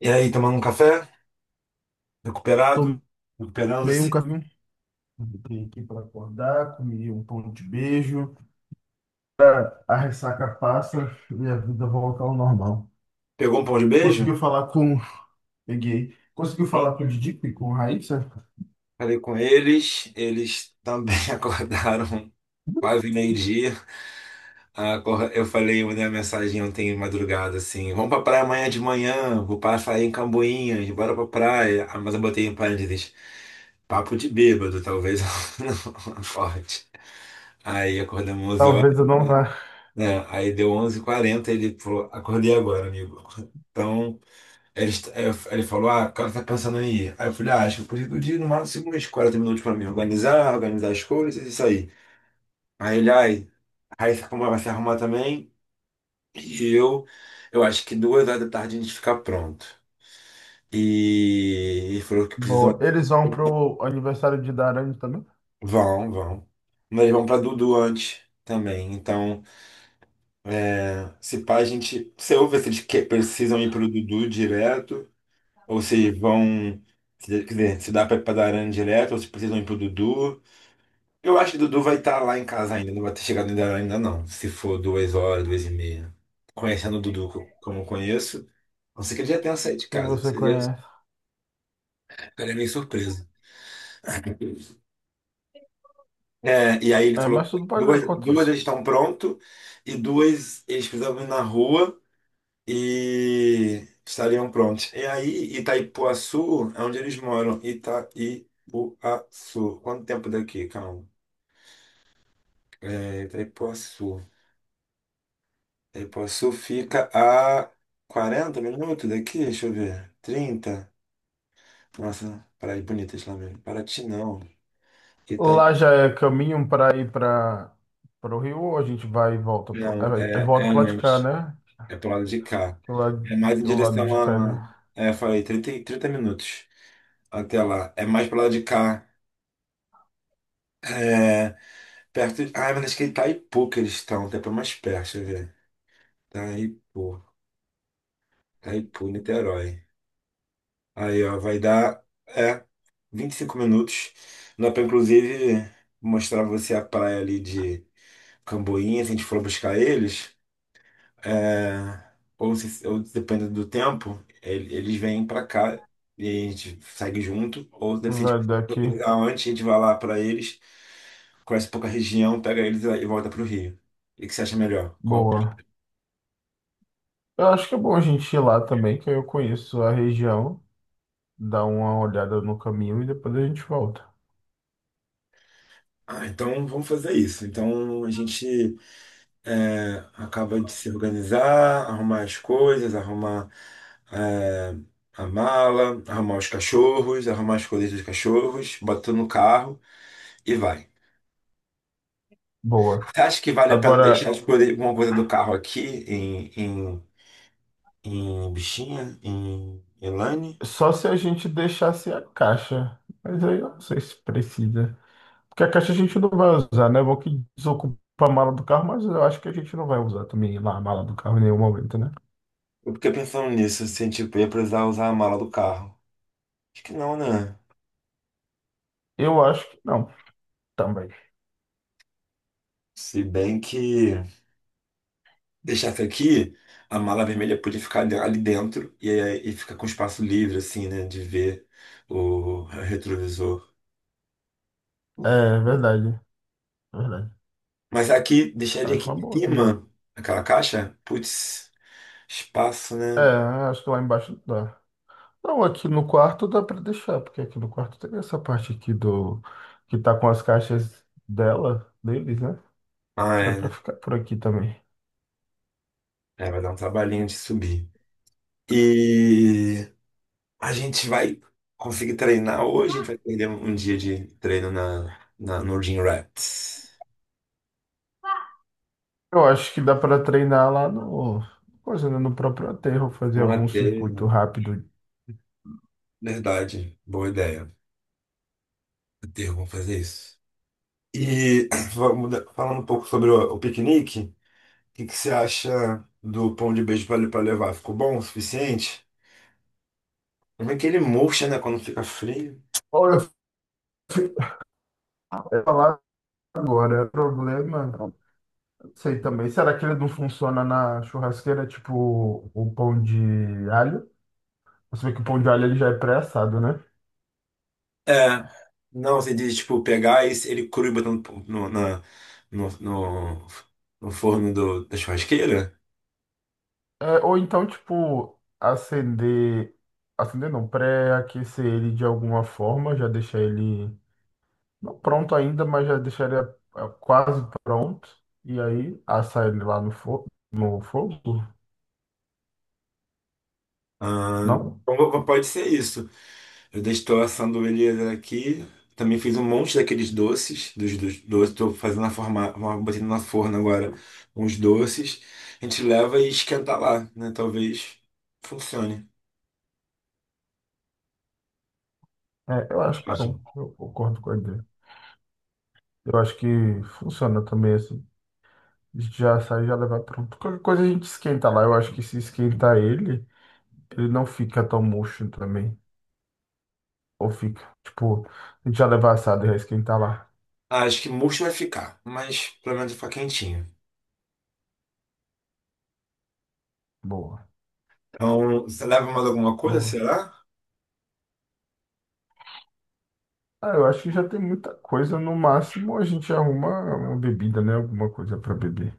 E aí, tomando um café, recuperado, Tomei um recuperando-se. café, entrei aqui para acordar, comi um pão de beijo, a ressaca passa e a vida volta ao normal. Pegou um pão de beijo? Conseguiu falar com... Peguei. Conseguiu Sim. falar com o Didico e com a Raíssa? Falei com eles, eles também acordaram quase meio-dia. Eu falei, eu mandei uma mensagem ontem de madrugada, assim, vamos pra praia amanhã de manhã, vou passar aí em Camboinhas, bora pra praia. Ah, mas eu botei em parênteses, papo de bêbado, talvez não acorde. Aí acordamos 11 horas, Talvez eu não vá. né? Aí deu onze h 40, ele falou, acordei agora, amigo. Então, Ele, aí eu- aí ele falou, ah, o cara tá pensando em ir. Aí eu falei, ah, acho que eu preciso de no máximo umas 40 minutos pra me organizar, organizar as coisas e sair. Aí ele, ai, aí você vai se arrumar também. E eu, eu acho que 2 horas da tarde a gente fica pronto. E ele falou que Boa. precisam. Eles vão pro aniversário de Darane também, Vão, vão. Mas eles vão pra Dudu antes também. Então, é, se pá, a gente. Você ouve se precisam ir pro Dudu direto, ou se vão. Quer dizer, se dá pra ir pra Darana direto, ou se precisam ir pro Dudu. Eu acho que Dudu vai estar lá em casa ainda, não vai ter chegado ainda, ainda não. Se for 2 horas, 2 e meia. Conhecendo o Dudu como eu conheço, não sei que ele já tenha saído de que casa. você Seria, conhece. ficaria meio surpresa. É, e aí ele É, falou mas que tudo pode duas acontecer. eles estão prontos e duas eles precisavam ir na rua e estariam prontos. E aí, Itaipuaçu é onde eles moram. Itaipuaçu. Quanto tempo daqui? Calma. É, Itaipuaçu. E Poçu fica a 40 minutos daqui, deixa eu ver. 30. Nossa, Praia de Bonitas lá mesmo. Paraty não. Itaí... Lá já é caminho para ir para o Rio, ou a gente vai e volta pro... Não, É, é, é, é volta pro lado de cá, antes. né? É pro lado de cá. Que lado É mais em o lado direção de cá, a. né? É, eu falei, 30 minutos até lá. É mais pro lado de cá. É, perto. Ah, mas acho que é Itaipu que eles estão, até pra mais perto, deixa eu ver. Itaipu. Itaipu, Niterói. Aí, ó, vai dar é, 25 minutos. Dá pra, inclusive, mostrar pra você a praia ali de Camboinha, se a gente for buscar eles. É, ou, se, ou dependendo do tempo, eles vêm pra cá e a gente segue junto. Ou deve ser Vai daqui. antes, a gente vai lá pra eles, conhece um pouco a região, pega eles e volta pro Rio. O que que você acha melhor? Boa. Eu acho que é bom a gente ir lá também, que aí eu conheço a região, dar uma olhada no caminho e depois a gente volta. Ah, então vamos fazer isso. Então a gente. É, acaba de se organizar, arrumar as coisas, arrumar é, a mala, arrumar os cachorros, arrumar as coisas dos cachorros, bota no carro e vai. Boa. Você acha que vale a pena deixar Agora, alguma coisa do carro aqui em, em, em Bichinha, em Elane? só se a gente deixasse a caixa, mas aí eu não sei se precisa. Porque a caixa a gente não vai usar, né? Bom que desocupa a mala do carro, mas eu acho que a gente não vai usar também lá a mala do carro em nenhum momento, né? Eu fiquei pensando nisso, assim, tipo, ia precisar usar a mala do carro. Acho que não, né? Eu acho que não, também. Se bem que. Deixasse aqui, a mala vermelha podia ficar ali dentro e, e ficar com espaço livre, assim, né? De ver o retrovisor. É verdade, é verdade. Mas aqui, deixaria aqui Acho uma em boa também. cima, aquela caixa, putz, espaço, É, né? acho que lá embaixo dá. Não, aqui no quarto dá para deixar, porque aqui no quarto tem essa parte aqui do que tá com as caixas dela, deles, né? Ah, Dá é, para né? ficar por aqui também. É, vai dar um trabalhinho de subir. E a gente vai conseguir treinar hoje, a gente vai perder um dia de treino no Gym Rats. Eu acho que dá para treinar lá no coisa, né, no próprio aterro, fazer Um algum circuito aterro. rápido. Verdade, boa ideia. Aterro, vamos fazer isso. E vamos falando um pouco sobre o piquenique, que você acha do pão de beijo para levar? Ficou bom o suficiente? Como é que ele murcha, né, quando fica frio? Olha, eu fui falar agora, o problema, não sei também. Será que ele não funciona na churrasqueira, tipo o pão de alho? Você vê que o pão de alho ele já é pré-assado, né? É, não, você diz, tipo, pegar esse, ele cru e botando no, na- no, no- no forno da churrasqueira? É, ou então, tipo, acender. Acender não, pré-aquecer ele de alguma forma, já deixar ele. Não pronto ainda, mas já deixar ele quase pronto. E aí assar ele lá no, fo no fogo? Ah, Não? então, pode ser isso. Eu deixo tô assando ele aqui. Também fiz um monte daqueles doces, dos doces. Tô fazendo na forma, botando na forno agora uns doces. A gente leva e esquenta lá, né? Talvez funcione. É, eu acho que Acho não. Eu concordo com a ideia. Eu acho que funciona também assim. Já sai, já levar pronto. Qualquer coisa a gente esquenta lá. Eu acho que se esquentar ele, ele não fica tão murcho também. Ou fica, tipo, a gente já levar assado e já esquentar lá. Acho que murcho vai ficar, mas pelo menos vai ficar quentinho. Boa. Então, você leva mais alguma coisa, Boa. será? Ah, eu acho que já tem muita coisa. No máximo, a gente arruma uma bebida, né? Alguma coisa para beber.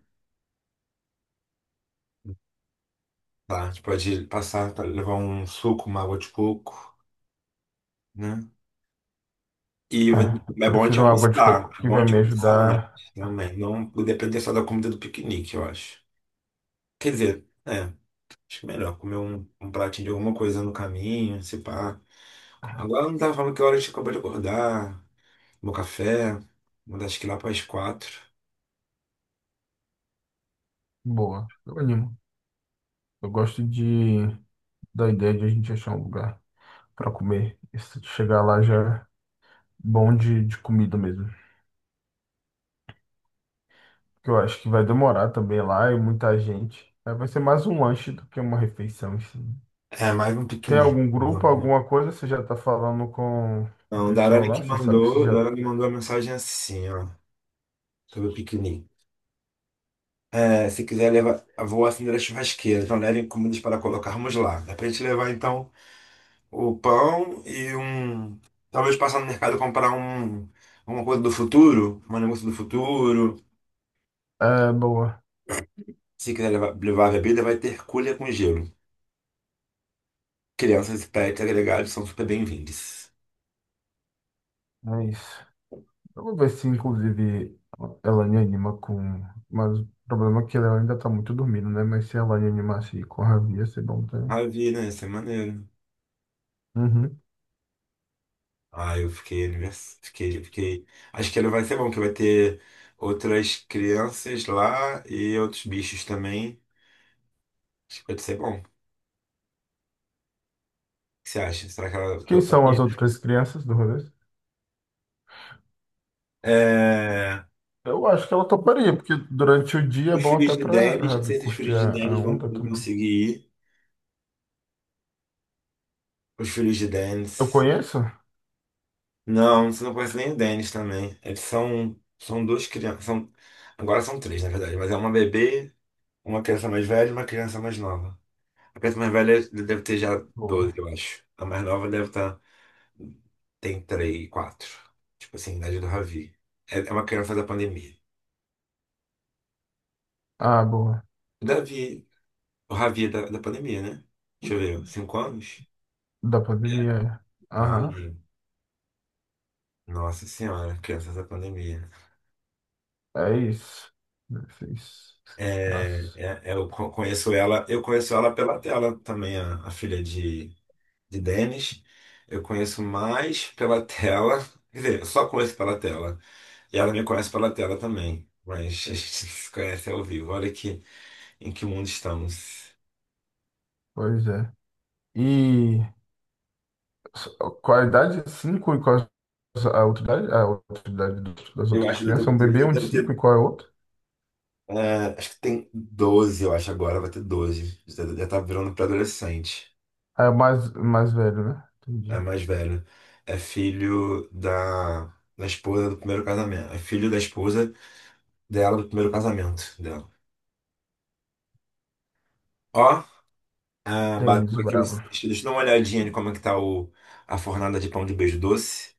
Tá, a gente pode passar, pra levar um suco, uma água de coco, né? E É, vai- eu É bom a gente prefiro uma água de almoçar, coco é que bom a vai gente me almoçar antes ajudar. também. Não depender só da comida do piquenique, eu acho. Quer dizer, é, acho que é melhor comer um pratinho de alguma coisa no caminho, se pá. Agora eu não tava falando que hora a gente acabou de acordar, meu café, mandar. Acho que lá para as 4. Boa. Eu animo. Eu gosto de da ideia de a gente achar um lugar para comer. E se chegar lá já é bom de comida mesmo. Que eu acho que vai demorar também lá e muita gente. Aí vai ser mais um lanche do que uma refeição, assim. É, mais um Tem piquenique. algum grupo, Vamos. alguma coisa? Você já tá falando com o Não, o pessoal Darani lá? que Você sabe se mandou, o já. Darani mandou uma mensagem assim, ó, sobre o piquenique. É, se quiser levar, vou acender a churrasqueira, então levem comidas para colocarmos lá. Dá pra gente levar então o pão e um. Talvez passar no mercado e comprar um, uma coisa do futuro, um negócio do futuro. É, boa. Se quiser levar, levar bebida, vai ter cuia com gelo. Crianças, pets, agregados são super bem-vindos. É isso. Vamos ver se, inclusive, ela me anima com. Mas o problema é que ela ainda tá muito dormindo, né? Mas se ela me animasse com a Ravi, ia ser bom também. Ah, vi, né? Isso é maneiro. Uhum. Ah, eu fiquei, fiquei, fiquei. Acho que ele vai ser bom, que vai ter outras crianças lá e outros bichos também. Acho que pode ser bom. O que você acha? Será que ela Quem topa? são as outras crianças do rolê? É, Eu acho que ela toparia, porque durante o dia é os bom até filhos de pra Dennis, não Ravi sei se os curtir filhos de a Dennis vão onda também. conseguir ir. Os filhos de Eu Dennis. conheço? Não, você não conhece nem o Denis também. São duas crianças. São, agora são três, na verdade. Mas é uma bebê, uma criança mais velha e uma criança mais nova. A criança mais velha deve ter já 12 Boa. eu acho. A mais nova deve estar. Tem 3 quatro. Tipo assim, idade do Ravi. É, é uma criança da pandemia. Ah, boa. O Davi. O Ravi é da pandemia, né? Deixa eu ver. 5 anos? Da pandemia. É. Ah, Aham. nossa senhora, criança da pandemia. É isso. Esses É, traços. Conheço ela, eu conheço ela pela tela também, a filha de Denis. Eu conheço mais pela tela. Quer dizer, eu só conheço pela tela. E ela me conhece pela tela também. Mas a gente se conhece ao vivo. Olha que, em que mundo estamos. Pois é. E s- qual a idade? Cinco e qual a outra idade, das Eu outras acho que crianças? É um eu bebê, um de deve cinco e ter. qual é o outro? É, acho que tem 12, eu acho, agora vai ter 12. Já tá virando pré-adolescente. Ah, é o mais, velho, né? É Entendi. mais velho. É filho da, da esposa do primeiro casamento. É filho da esposa dela do primeiro casamento dela. Ó, ah, Denis, bateu o aqui. Brabo. Deixa eu dar uma olhadinha de como é que tá a fornada de pão de beijo doce.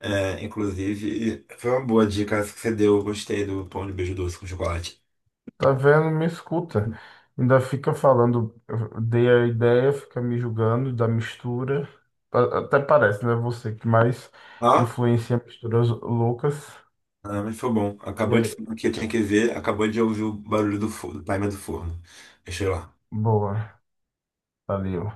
É, inclusive, foi uma boa dica essa que você deu. Eu gostei do pão de beijo doce com chocolate. Tá vendo? Me escuta. Ainda fica falando, eu dei a ideia, fica me julgando da mistura. Até parece, né? Você que mais Ó, influencia misturas loucas. ah, mas foi bom. E Acabou de. aí, O que eu tinha que ver, acabou de ouvir o barulho do timer do forno. Deixa eu ir lá. boa. Valeu.